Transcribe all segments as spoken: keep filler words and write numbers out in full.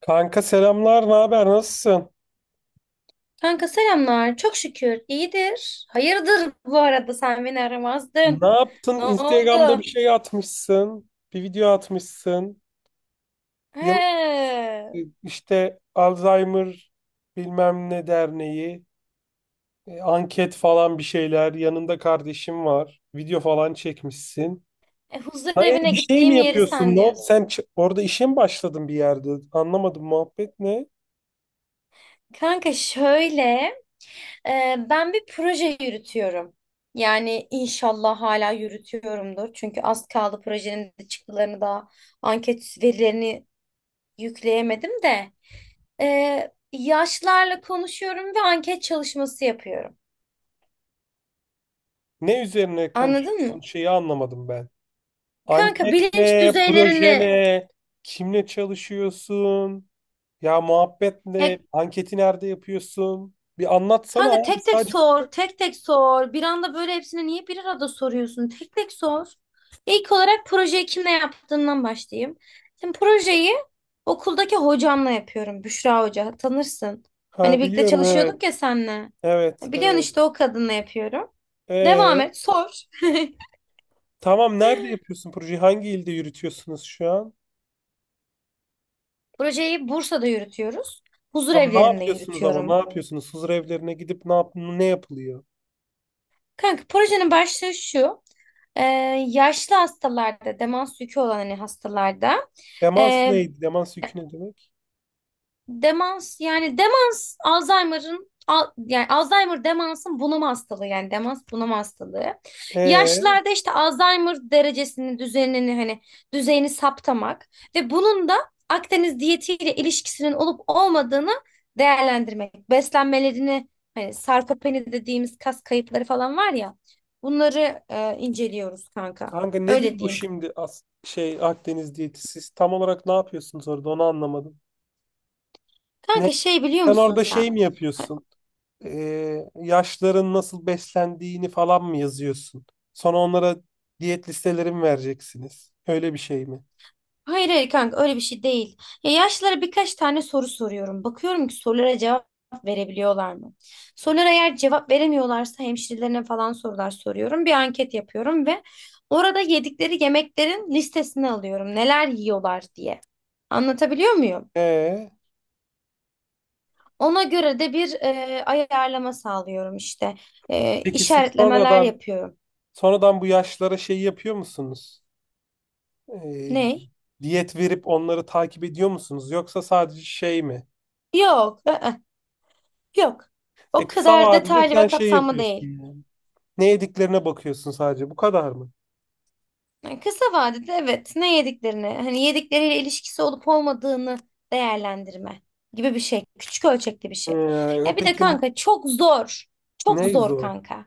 Kanka selamlar, ne haber, nasılsın? Kanka selamlar. Çok şükür. İyidir. Hayırdır, bu arada sen beni Ne aramazdın. yaptın? Ne Instagram'da bir oldu? şey atmışsın, bir video atmışsın. Yok, He. e, işte Alzheimer bilmem ne derneği, e, anket falan bir şeyler. Yanında kardeşim var, video falan çekmişsin. E, huzur Hayır, evine bir şey mi gittiğim yeri yapıyorsun? sen Ne oldu? diyorsun. Sen ç- orada işe mi başladın bir yerde? Anlamadım, muhabbet ne? Kanka şöyle, e, ben bir proje yürütüyorum. Yani inşallah hala yürütüyorumdur. Çünkü az kaldı, projenin de çıktılarını da anket verilerini yükleyemedim de. E, yaşlarla konuşuyorum ve anket çalışması yapıyorum. Ne üzerine Anladın konuşuyorsun? mı? Şeyi anlamadım ben. Kanka Anket bilinç ne? Proje düzeylerini. ne? Kimle çalışıyorsun? Ya muhabbet Ya ne? Anketi nerede yapıyorsun? Bir anlatsana kanka, abi, tek tek sadece. sor, tek tek sor. Bir anda böyle hepsini niye bir arada soruyorsun? Tek tek sor. İlk olarak projeyi kimle yaptığından başlayayım. Şimdi projeyi okuldaki hocamla yapıyorum. Büşra Hoca, tanırsın. Hani Ha, birlikte biliyorum, çalışıyorduk evet. ya senle. Evet, Biliyorsun, evet. işte o kadınla yapıyorum. Devam Ee, et, sor. tamam, nerede yapıyorsun projeyi? Hangi ilde yürütüyorsunuz şu an? Projeyi Bursa'da yürütüyoruz. Huzur Tam ne evlerinde yapıyorsunuz, ama ne yürütüyorum. yapıyorsunuz? Huzur evlerine gidip ne yap ne yapılıyor? Kanka projenin başlığı şu. Ee, yaşlı hastalarda, demans yükü olan hani hastalarda Demans ee, neydi? Demans yükü ne demek? demans, yani demans Alzheimer'ın al- yani Alzheimer demansın bunama hastalığı, yani demans bunama hastalığı. Ee, Yaşlılarda işte Alzheimer derecesini, düzenini hani düzeyini saptamak ve bunun da Akdeniz diyetiyle ilişkisinin olup olmadığını değerlendirmek. Beslenmelerini, hani sarkopeni dediğimiz kas kayıpları falan var ya, bunları e, inceliyoruz kanka. kanka nedir Öyle bu diyeyim. şimdi as şey Akdeniz diyeti? Siz tam olarak ne yapıyorsunuz orada? Onu anlamadım. Ne? Kanka şey biliyor Sen musun orada şey sen? mi Ha- yapıyorsun? Ee, yaşların nasıl beslendiğini falan mı yazıyorsun? Sonra onlara diyet listeleri mi vereceksiniz? Öyle bir şey mi? Hayır hayır kanka, öyle bir şey değil. Ya yaşlılara birkaç tane soru soruyorum. Bakıyorum ki sorulara cevap verebiliyorlar mı? Sorulara eğer cevap veremiyorlarsa hemşirelerine falan sorular soruyorum. Bir anket yapıyorum ve orada yedikleri yemeklerin listesini alıyorum. Neler yiyorlar diye. Anlatabiliyor muyum? Ee, Ona göre de bir e, ayarlama sağlıyorum işte. E, peki siz işaretlemeler sonradan yapıyorum. sonradan bu yaşlara şey yapıyor musunuz? Ee, Ne? diyet verip onları takip ediyor musunuz? Yoksa sadece şey mi? Yok. I-ı, yok. O E, kısa kadar vadede detaylı sen ve şey kapsamlı yapıyorsun değil. yani. Ne yediklerine bakıyorsun sadece. Bu kadar mı? Yani kısa vadede evet, ne yediklerini hani yedikleriyle ilişkisi olup olmadığını değerlendirme gibi bir şey. Küçük ölçekli bir şey. Ee, Ya bir de peki, kanka, çok zor. Çok ne zor zor? kanka.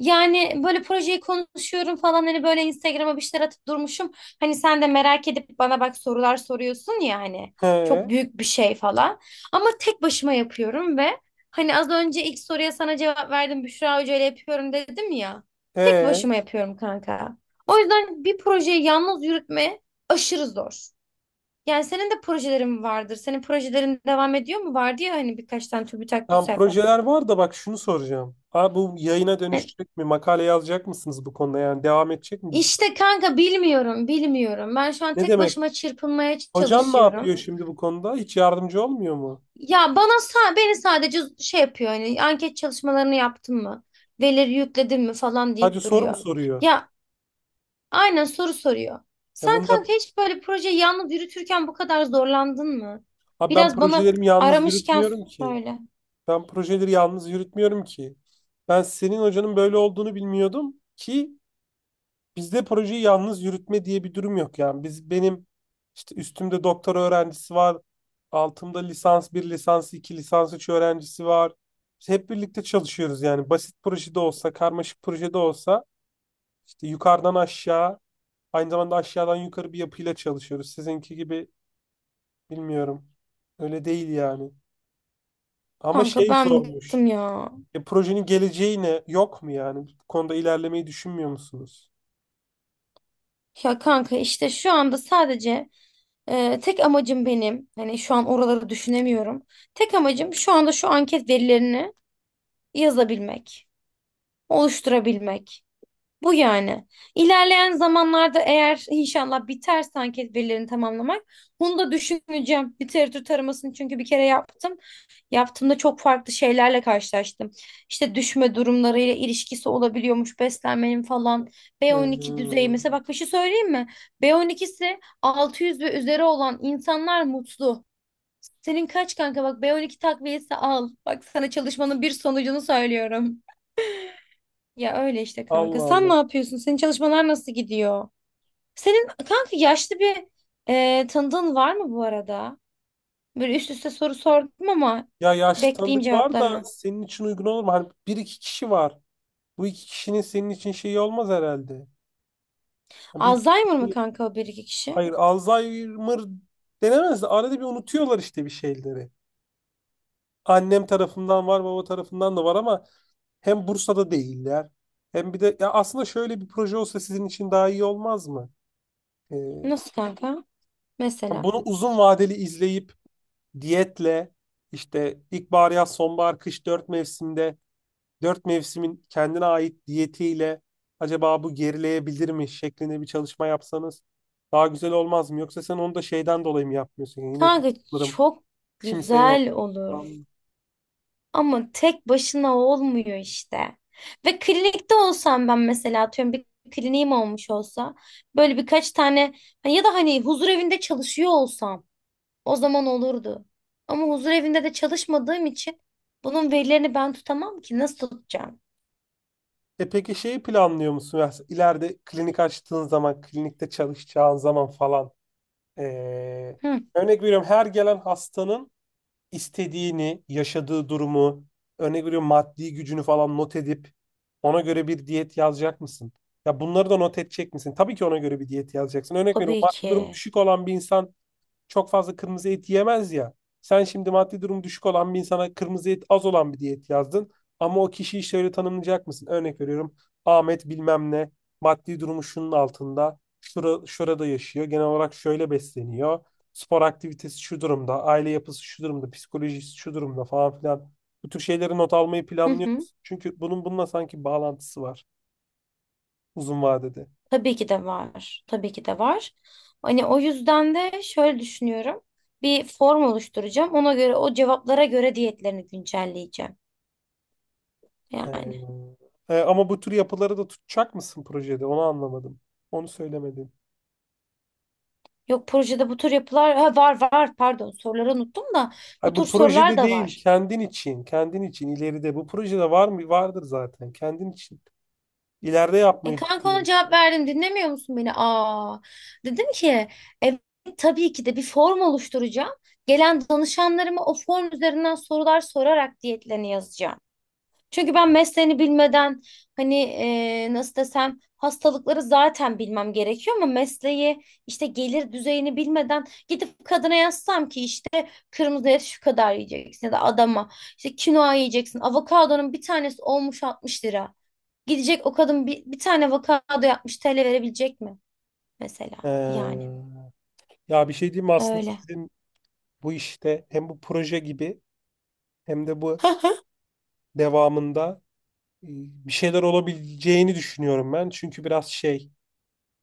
Yani böyle projeyi konuşuyorum falan, hani böyle Instagram'a bir şeyler atıp durmuşum. Hani sen de merak edip bana bak sorular soruyorsun ya, hani He, çok büyük bir şey falan. Ama tek başıma yapıyorum ve hani az önce ilk soruya sana cevap verdim, Büşra Hoca ile yapıyorum dedim ya. Tek e, başıma yapıyorum kanka. O yüzden bir projeyi yalnız yürütme aşırı zor. Yani senin de projelerin vardır. Senin projelerin devam ediyor mu? Vardı ya hani, birkaç tane TÜBİTAK, tam TÜSEP. projeler var da bak şunu soracağım. Abi, bu yayına dönüşecek mi? Makale yazacak mısınız bu konuda? Yani devam edecek mi bu proje? İşte kanka bilmiyorum, bilmiyorum. Ben şu an Ne tek demek? başıma çırpınmaya Hocan ne çalışıyorum. yapıyor şimdi bu konuda? Hiç yardımcı olmuyor mu? Ya bana sa- beni sadece şey yapıyor, hani anket çalışmalarını yaptın mı, verileri yükledin mi falan Sadece deyip soru mu duruyor. soruyor? Ya aynen, soru soruyor. Ya Sen bunda kanka hiç böyle projeyi yalnız yürütürken bu kadar zorlandın mı? abi, ben Biraz bana, projelerimi yalnız aramışken yürütmüyorum ki. söyle. Ben projeleri yalnız yürütmüyorum ki. Ben senin hocanın böyle olduğunu bilmiyordum ki. Bizde projeyi yalnız yürütme diye bir durum yok yani. Biz benim işte üstümde doktora öğrencisi var. Altımda lisans bir, lisans iki, lisans üç öğrencisi var. Biz hep birlikte çalışıyoruz yani. Basit projede olsa, karmaşık projede olsa, işte yukarıdan aşağı, aynı zamanda aşağıdan yukarı bir yapıyla çalışıyoruz. Sizinki gibi bilmiyorum. Öyle değil yani. Ama Kanka şey, ben zormuş. bıktım ya. E, projenin geleceği ne? Yok mu yani? Bu konuda ilerlemeyi düşünmüyor musunuz? Ya kanka işte şu anda sadece Ee, tek amacım benim, hani şu an oraları düşünemiyorum. Tek amacım şu anda şu anket verilerini yazabilmek, oluşturabilmek. Bu yani. İlerleyen zamanlarda eğer inşallah biterse anket verilerini tamamlamak, bunu da düşüneceğim. Literatür taramasını çünkü bir kere yaptım. Yaptığımda çok farklı şeylerle karşılaştım. İşte düşme durumlarıyla ilişkisi olabiliyormuş beslenmenin falan. Hı B on iki düzeyi hı. mesela, bak bir şey söyleyeyim mi? B on ikisi altı yüz ve üzeri olan insanlar mutlu. Senin kaç kanka, bak B on iki takviyesi al. Bak, sana çalışmanın bir sonucunu söylüyorum. Ya öyle işte kanka. Allah Sen Allah. ne yapıyorsun? Senin çalışmalar nasıl gidiyor? Senin kanka yaşlı bir e, tanıdığın var mı bu arada? Böyle üst üste soru sordum ama Ya yaşlı bekleyeyim tanıdık var da cevaplarını. senin için uygun olur mu? Hani bir iki kişi var. Bu iki kişinin senin için şeyi olmaz herhalde. Yani bir Alzheimer mı kişi, kanka o bir iki kişi? hayır, Alzheimer denemez de arada bir unutuyorlar işte bir şeyleri. Annem tarafından var, baba tarafından da var ama hem Bursa'da değiller. Hem bir de ya, aslında şöyle bir proje olsa sizin için daha iyi olmaz mı? Ee, Nasıl kanka? Mesela. bunu uzun vadeli izleyip diyetle, işte ilkbahar, yaz, sonbahar, kış, dört mevsimde, dört mevsimin kendine ait diyetiyle acaba bu gerileyebilir mi şeklinde bir çalışma yapsanız daha güzel olmaz mı? Yoksa sen onu da şeyden dolayı mı yapmıyorsun? Yani yine tek Kanka kalırım, çok kimse yok güzel falan olur. mı? Ama tek başına olmuyor işte. Ve klinikte olsam ben, mesela atıyorum bir kliniğim olmuş olsa, böyle birkaç tane hani, ya da hani huzur evinde çalışıyor olsam, o zaman olurdu. Ama huzur evinde de çalışmadığım için bunun verilerini ben tutamam ki, nasıl tutacağım? E, peki şeyi planlıyor musun? Ya ileride klinik açtığın zaman, klinikte çalışacağın zaman falan. Ee, Hı, örnek veriyorum, her gelen hastanın istediğini, yaşadığı durumu, örnek veriyorum maddi gücünü falan not edip ona göre bir diyet yazacak mısın? Ya bunları da not edecek misin? Tabii ki ona göre bir diyet yazacaksın. Örnek veriyorum, tabii maddi durumu ki. düşük olan bir insan çok fazla kırmızı et yemez ya. Sen şimdi maddi durum düşük olan bir insana kırmızı et az olan bir diyet yazdın. Ama o kişiyi şöyle tanımlayacak mısın? Örnek veriyorum: Ahmet bilmem ne, maddi durumu şunun altında. Şura, şurada yaşıyor. Genel olarak şöyle besleniyor. Spor aktivitesi şu durumda. Aile yapısı şu durumda. Psikolojisi şu durumda, falan filan. Bu tür şeyleri not almayı Hı hı. planlıyoruz. Çünkü bunun bununla sanki bağlantısı var uzun vadede. Tabii ki de var. Tabii ki de var. Hani o yüzden de şöyle düşünüyorum. Bir form oluşturacağım. Ona göre, o cevaplara göre diyetlerini güncelleyeceğim. He. Yani. Ee, e, ama bu tür yapıları da tutacak mısın projede? Onu anlamadım. Onu söylemedin. Yok projede bu tür yapılar, ha, var var, pardon soruları unuttum da bu Hayır, bu tür sorular projede da değil, var. kendin için, kendin için ileride. Bu projede var mı? Vardır zaten. Kendin için. İleride E yapmayı kanka, ona düşünüyorum. cevap verdim, dinlemiyor musun beni? Aa, dedim ki evet, tabii ki de bir form oluşturacağım. Gelen danışanlarıma o form üzerinden sorular sorarak diyetlerini yazacağım. Çünkü ben mesleğini bilmeden, hani e, nasıl desem, hastalıkları zaten bilmem gerekiyor ama mesleği, işte gelir düzeyini bilmeden gidip kadına yazsam ki işte kırmızı et şu kadar yiyeceksin, ya da adama işte kinoa yiyeceksin, avokadonun bir tanesi olmuş altmış lira. Gidecek o kadın bir, bir tane avokado yapmış T L verebilecek mi mesela, yani Ee, ya bir şey diyeyim mi? Aslında öyle. sizin bu işte hem bu proje gibi, hem de bu devamında, e, bir şeyler olabileceğini düşünüyorum ben. Çünkü biraz şey,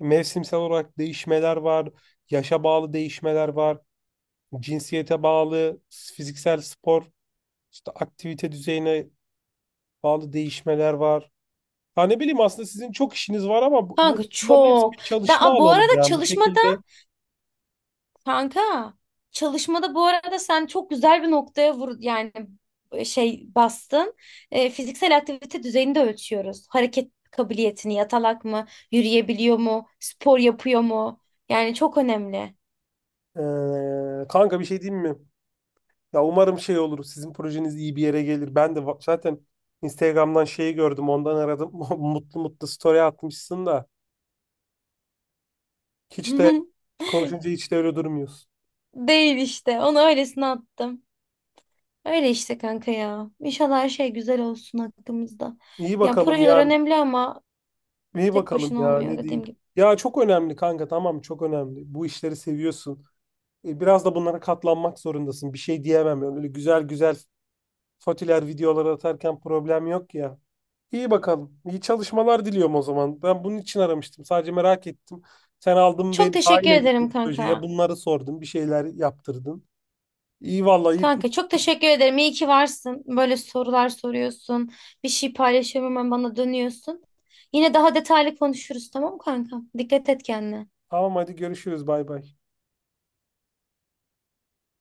mevsimsel olarak değişmeler var, yaşa bağlı değişmeler var, cinsiyete bağlı, fiziksel spor, işte aktivite düzeyine bağlı değişmeler var. Ha, ne bileyim, aslında sizin çok işiniz var ama bu, bu- Kanka bunların hepsi bir çok. Ben çalışma a, Bu alanı arada yani, bu çalışma, şekilde. kanka çalışmada bu arada sen çok güzel bir noktaya vur, yani e, şey bastın. E, fiziksel aktivite düzeyini de ölçüyoruz. Hareket kabiliyetini, yatalak mı, yürüyebiliyor mu, spor yapıyor mu? Yani çok önemli. Ee, kanka, bir şey diyeyim mi? Ya umarım şey olur, sizin projeniz iyi bir yere gelir. Ben de va- zaten Instagram'dan şeyi gördüm. Ondan aradım. Mutlu mutlu story atmışsın da. Hiç de Konuşunca hiç de öyle durmuyorsun. Değil işte. Onu öylesine attım. Öyle işte kanka ya. İnşallah her şey güzel olsun hakkımızda. İyi Ya bakalım projeler ya. önemli ama İyi tek bakalım başına ya, olmuyor ne dediğim diyeyim. gibi. Ya çok önemli kanka, tamam, çok önemli. Bu işleri seviyorsun. E, Biraz da bunlara katlanmak zorundasın. Bir şey diyemem yani. Öyle güzel güzel fotiler, videolar atarken problem yok ya. İyi bakalım. İyi çalışmalar diliyorum o zaman. Ben bunun için aramıştım, sadece merak ettim. Sen aldın Çok beni dahil teşekkür ettin ederim projeye. kanka. Bunları sordun. Bir şeyler yaptırdın. İyi vallahi, iyi. Kanka çok teşekkür ederim. İyi ki varsın. Böyle sorular soruyorsun. Bir şey paylaşıyorum hemen bana dönüyorsun. Yine daha detaylı konuşuruz, tamam mı kanka? Dikkat et kendine. Tamam, hadi görüşürüz. Bay bay.